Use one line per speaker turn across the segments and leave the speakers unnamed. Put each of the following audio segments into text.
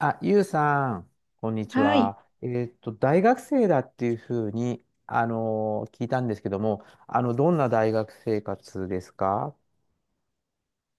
あ、ゆうさん、こんにち
はい。
は。大学生だっていうふうに、聞いたんですけども、どんな大学生活ですか？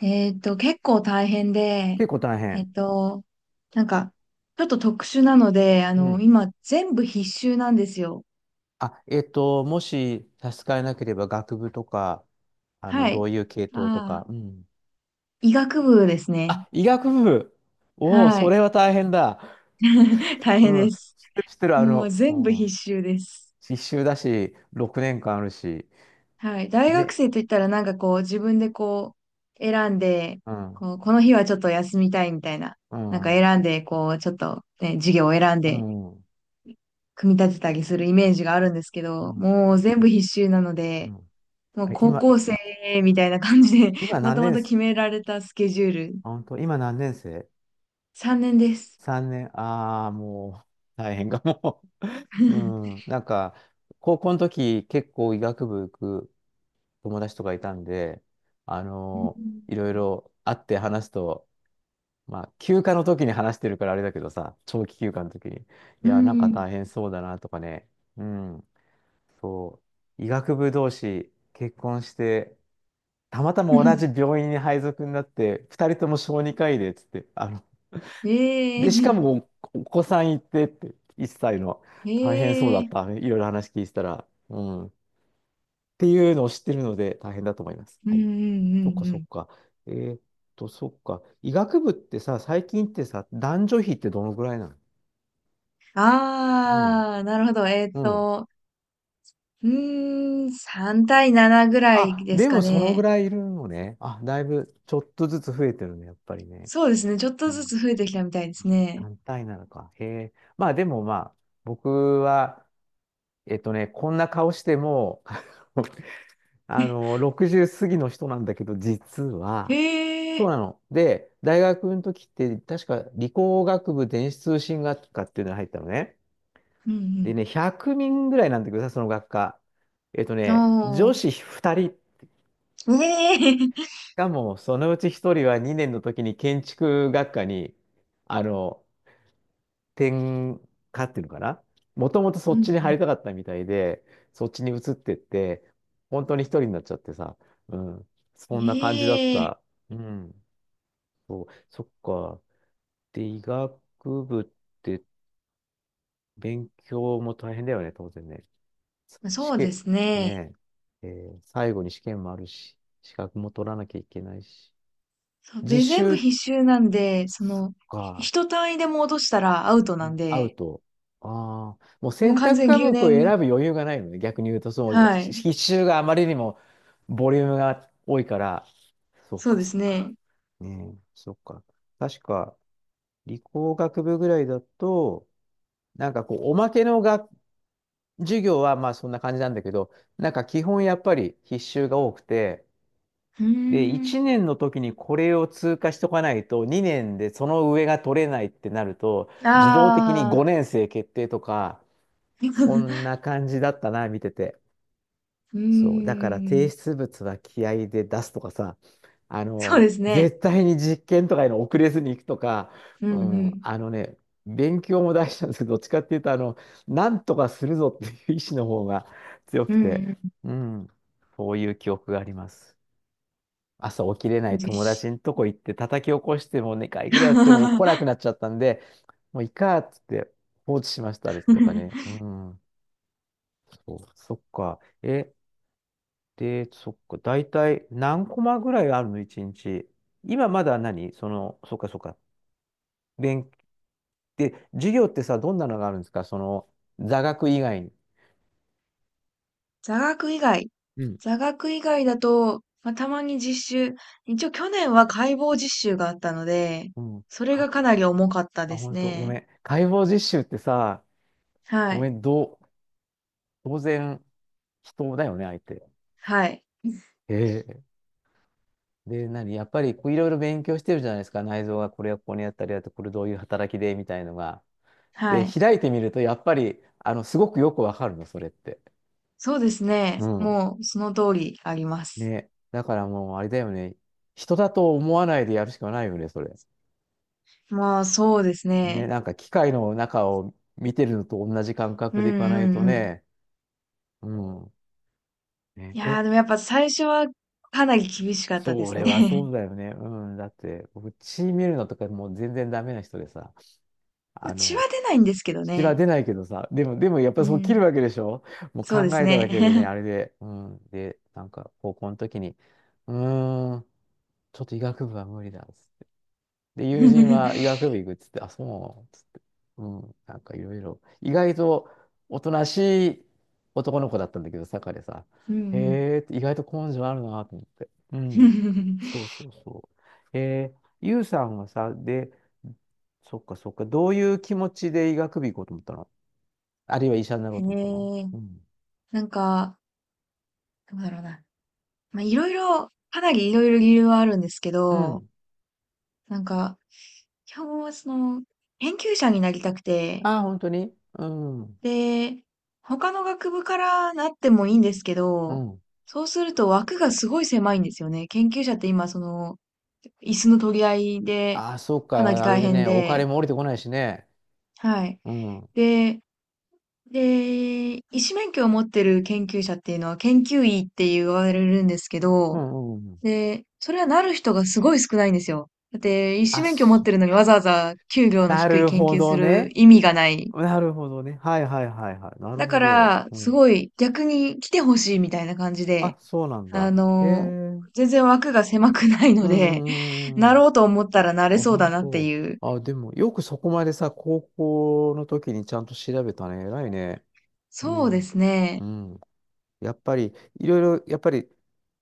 結構大変で、
結構大
え
変。
っと、なんか、ちょっと特殊なので、
うん。
今、全部必修なんですよ。
あ、もし差し支えなければ、学部とか、
は
ど
い。
ういう系統と
あ
か。
あ、
うん。
医学部ですね。
あ、医学部。おお、
は
そ
い。
れは大変だ。
大変
うん。
で
知
す。
ってる、知ってる、
もう
う
全部必
ん。
修です。
必修だし、6年間あるし。
はい。大学
ね。
生といったら、なんかこう、自分でこう、選んで、
うん。
こう、この日はちょっと休みたいみたいな、
う
なんか
ん。うん。
選んで、こう、ちょっと、ね、授業を選んで
う
組み立てたりするイメージがあるんですけど、
ん。
もう全部必修なの
う
で、
ん。
も
あ
う
れ
高
今、
校生みたいな感じで
今
ま
何
とま
年
と
生？
決められたスケジュール、
あ本当、今何年生
3年です。
?3 年、ああ、もう、大変かも。う ん、なんか、高校の時、結構医学部行く友達とかいたんで、あ
う
の
ん。
いろいろ会って話すと、まあ、休暇の時に話してるからあれだけどさ、長期休暇の時に、い
う
や、なんか
ん。
大変そうだなとかね、うん、そう、医学部同士結婚して、たまた
う
ま同
ん、
じ病院に配属になって、二人とも小児科医で、つって、
ええ
で、しか
ー。
もお、お子さんいてって、1歳の、大変そう
え
だ
え
っ
ー。
た。いろいろ話聞いてたら、うん。っていうのを知ってるので、大変だと思います。
うん
は
うん
い。
う
そっか
んう
そっ
ん。
か。えーっそっか。医学部ってさ、最近ってさ、男女比ってどのぐらいなの？うん。
ああ、なるほど。
うん。
3対7ぐらい
あ、
です
で
か
もそのぐ
ね。
らいいるのね。あ、だいぶちょっとずつ増えてるね、やっぱりね。
そうですね。ちょっと
う
ず
ん。
つ増えてきたみたいですね。
単体なのか。へえ。まあでもまあ、僕は、こんな顔しても 60過ぎの人なんだけど、実は、
ええー。
そうなの。で、大学の時って、確か理工学部電子通信学科っていうのに入ったのね。
う
で
ん
ね、100人ぐらいなんだけどさ、その学科。
うん。
女
お
子2人、し
ー。ええ、
かもそのうち1人は2年の時に建築学科に、あの、転科っていうのかな、もともとそ
うん
っちに入
う
りたかったみたいで、そっちに移ってって、本当に一人になっちゃってさ、うん、そんな感じだっ
ん。え
た。
え、
うん、そう、そっか。で、医学部って勉強も大変だよね、当然ね。
ま
試
そうで
験、
すね。
ねえ、最後に試験もあるし、資格も取らなきゃいけないし。
そう
実
で、全部
習、
必修なんで、そ
そっ
の、
か、
一単位でも落としたらアウトなん
会う
で、
と、ああ、もう
もう
選
完
択
全
科目
留
を選ぶ
年、
余裕がないのね。逆に言うと、その
はい。
必修があまりにもボリュームが多いから、そっ
そう
か
で
そっ
す
か。
ね。
ねえ、そっか。確か、理工学部ぐらいだと、なんかこう、おまけの学授業はまあそんな感じなんだけど、なんか基本やっぱり必修が多くて、
うー
で、
ん。
1年の時にこれを通過しとかないと、2年でその上が取れないってなると、自動的に
ああ。
5年生決定とか、そん な感じだったな、見てて。
う
そう。だから
ー
提
ん。
出物は気合で出すとかさ、
そうですね。
絶対に実験とかいの遅れずに行くとか、
う
う
んう
ん、
ん。
勉強も大事なんですけど、どっちかっていうと、なんとかするぞっていう意志の方が強
う
くて、
ん
うん、そういう記憶があります。朝起きれな
うん。
い
実
友
施。
達のとこ行って叩き起こしても2回ぐらいやっても来なく なっちゃったんで、もういいかっつって放置しましたあれとかね。うん。そう、そっか。で、そっか。大体何コマぐらいあるの一日。今まだ何その、そっかそっか。勉、で、授業ってさ、どんなのがあるんですかその、座学以外に。
座学以外。
うん。
座学以外だと、まあ、たまに実習。一応去年は解剖実習があったので、
うん。
それがかなり重かった
あ、
です
本当ご
ね。
めん。解剖実習ってさ、
は
ごめ
い。
ん、当然、人だよね、相手。
はい。
ええ。で、やっぱり、こういろいろ勉強してるじゃないですか。内臓がこれはここにあったりだと、これどういう働きで、みたいのが。
は
で、
い。
開いてみると、やっぱり、すごくよくわかるの、それって。
そうですね。
うん。
もうその通りあります。
ね。だからもう、あれだよね。人だと思わないでやるしかないよね、それ。
まあそうです
ね。
ね。
なんか、機械の中を見てるのと同じ感
う
覚
ん
でいか
う
ない
ん
と
うん。
ね。うん。ね、
いやーでもやっぱ最初はかなり厳しかったで
そ
す
れは
ね。
そうだよね。うん。だって、僕、血見るのとかもう全然ダメな人でさ、
ま
あ
あ血は
の、
出ないんですけど
血は
ね。
出ないけどさ、でもやっぱ
う
そう切る
ん。
わけでしょ？もう
そ
考
うです
えただ
ね。
けでね、あれで、うん。で、なんか、高校の時に、うーん。ちょっと医学部は無理だっつって。で、友
う
人
ん
は医学部行くっつって、あ、そうっつって。うん、なんかいろいろ。意外とおとなしい男の子だったんだけど、坂でさ。
う
へ
ん。
えって意外と根性あるなと思って。うん。そう そうそう。ゆうさんはさ、で、そっかそっか、どういう気持ちで医学部行こうと思ったの？あるいは医者になろう
へ
と思ったの？
え。
うん。
なんか、どうだろうな。まあ、いろいろ、かなりいろいろ理由はあるんですけ
う
ど、
ん。
なんか、基本はその、研究者になりたくて、
ああ、本当にうん。
で、他の学部からなってもいいんですけ
う
ど、
ん。
そうすると枠がすごい狭いんですよね。研究者って今、その、椅子の取り合いで、
ああ、そっ
かなり
か、あれ
大
で
変
ね、お
で、
金も降りてこないしね。
はい。
うん。
で、で、医師免許を持ってる研究者っていうのは研究医って言われるんですけ
う
ど、
んうんうん。
で、それはなる人がすごい少ないんですよ。だって、医師
あ、
免許持っ
そっ
てるのに
か。
わざわざ給料の
な
低い
る
研
ほ
究す
ど
る
ね。
意味がない。
なるほどね。はいはいはいはい。なる
だか
ほど。
ら、
う
す
ん。
ごい逆に来てほしいみたいな感じで、
あ、そうなん
あ
だ。へえ。
の、
う
全然枠が狭くない
ん
の
う
で、
んうん
な
うん。
ろうと思ったらなれ
あ、
そうだ
本
なって
当。
いう。
あ、でも、よくそこまでさ、高校の時にちゃんと調べたね。偉いね。う
そうで
ん。
す
う
ね。
ん。やっぱり、いろいろ、やっぱり、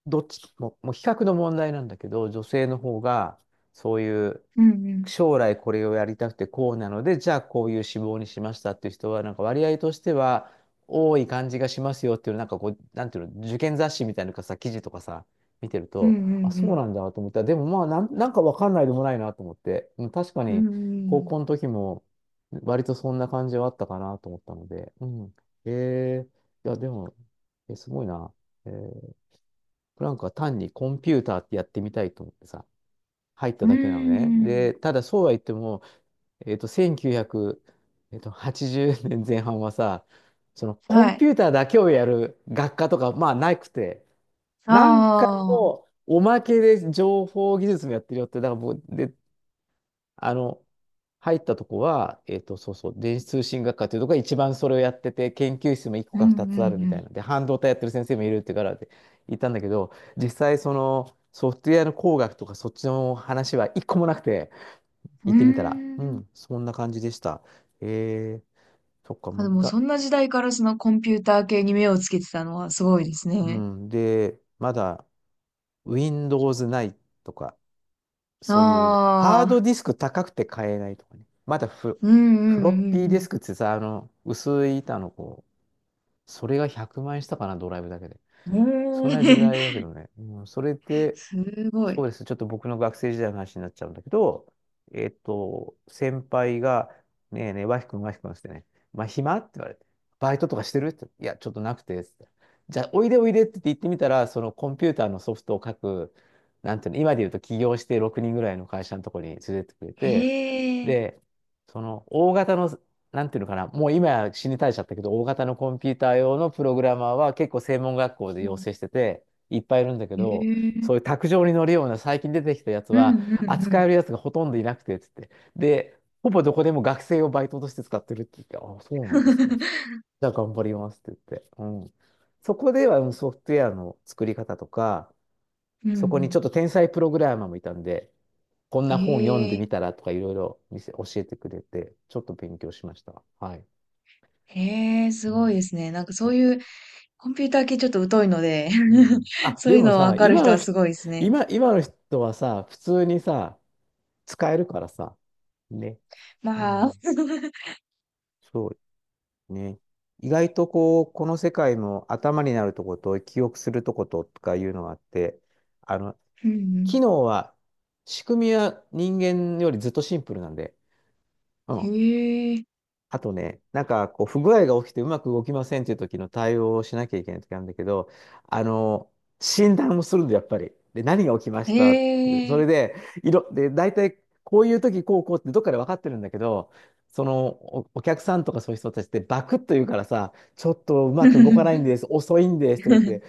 どっちも、もう比較の問題なんだけど、女性の方が、そういう、
うんうん。
将来これをやりたくてこうなので、じゃあこういう志望にしましたっていう人は、なんか割合としては多い感じがしますよっていう、なんかこう、なんていうの、受験雑誌みたいなのかさ、記事とかさ、見てる
うんう
と、あ、
んう
そう
ん。
なんだと思ったら、でもまあなんかわかんないでもないなと思って、うん確か
う
に高
ん
校の時も割とそんな感じはあったかなと思ったので、うん。えー、いや、でも、すごいな。えープランクは単にコンピューターってやってみたいと思ってさ、入った
うん
だけなのね。
うん。
で、ただそうは言っても、1980年前半はさ、そのコ
は
ン
い。
ピューターだけをやる学科とか、まあ、なくて、なんか
ああ。
のおまけで情報技術もやってるよって、だからもう、で、あの、入ったとこは、そうそう、電子通信学科っていうところが一番それをやってて、研究室も1個
うんう
か2つあるみた
ん
いなんで、半導体やってる先生もいるってからって言ったんだけど、実際そのソフトウェアの工学とかそっちの話は1個もなくて、行っ
うん。う
てみたら、う
ーん。
ん、そんな感じでした。えー、そっか、
あ、
もう
で
いい
も
が、
そんな時代からそのコンピューター系に目をつけてたのはすごいです
う
ね。
ん、で、まだ Windows ないとか、そういう、ハー
あ
ド
あ、
ディスク高くて買えないとかね、まだ
うん
フロッピー
う
ディ
ん
スクってさ、薄い板のこう、それが100万円したかな、ドライブだけで。
うん
そん
う
な
ん。え
時
え
代だけどね。うん、それっ て、
すご
そ
い。
うです。ちょっと僕の学生時代の話になっちゃうんだけど、先輩が、ねえねえ、和く君、和く君っつってね、まあ、暇って言われて、バイトとかしてるって、いや、ちょっとなくて、つって。じゃあ、おいでおいでって言ってみたら、そのコンピューターのソフトを書く、なんていうの、今で言うと起業して6人ぐらいの会社のところに連れてってくれ
へ
て、
え、
で、その大型の、なんていうのかな、もう今や死に絶えちゃったけど、大型のコンピューター用のプログラマーは結構専門学校で
う
養
ん、
成してて、いっぱいいるんだけ
へ
ど、
え、
そういう卓上に乗るような最近出てきたやつ
う
は、
んうんう
扱
ん。
えるやつがほとんどいなくて、つって。で、ほぼどこでも学生をバイトとして使ってるって言って、あ、そうなんですか。じ ゃあ頑張りますって言って。うん。そこではうんソフトウェアの作り方とか、
うんう
そこにち
ん。
ょっと天才プログラマーもいたんで、こんな本読ん
へ
で
え、
みたらとかいろいろ見せ教えてくれて、ちょっと勉強しました。はい。
へえ、
う
すごい
ん。
ですね。なんかそう
ね
いうコンピューター系ちょっと疎いので
うん あ、
そう
で
いう
も
のわ
さ、
かる
今
人
の
はす
人、
ごいですね。
今の人はさ、普通にさ、使えるからさ、ね。う
まあ、
ん、そうね。意外とこう、この世界も頭になるとこと、記憶するとこととかいうのがあって、あの、
うんう
機能は、仕組みは人間よりずっとシンプルなんで、う
ん。
ん。
へえ、
あとね、なんかこう不具合が起きてうまく動きませんっていう時の対応をしなきゃいけない時なんだけど、あの、診断をするんだ、やっぱり。で、何が起きまし
へ
たって。それ
え。
で、で、大体こういう時こうこうってどっかで分かってるんだけど、そのお、お客さんとかそういう人たちってバクッと言うからさ、ちょっとうま
う
く動かないん
ん
です、遅いんですとか言って、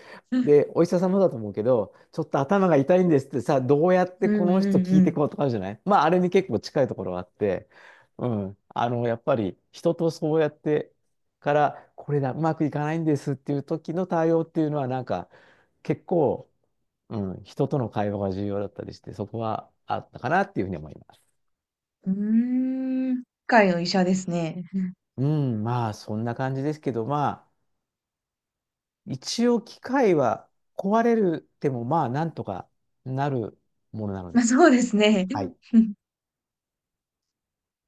で、お医者様だと思うけど、ちょっと頭が痛いんですってさ、どうやって
う
こ
ん
の人聞
う
いて
ん。
こうとかあるじゃないまあ、あれに結構近いところがあって、うん。やっぱり人とそうやってから、これだ、うまくいかないんですっていう時の対応っていうのは、なんか結構、うん、人との会話が重要だったりして、そこはあったかなっていうふうに思います。
うーん。世界の医者ですね。うん、
うん、まあ、そんな感じですけど、まあ、一応機械は壊れるでも、まあ、なんとかなるものなの
まあ
で。
そうですね。
はい
うん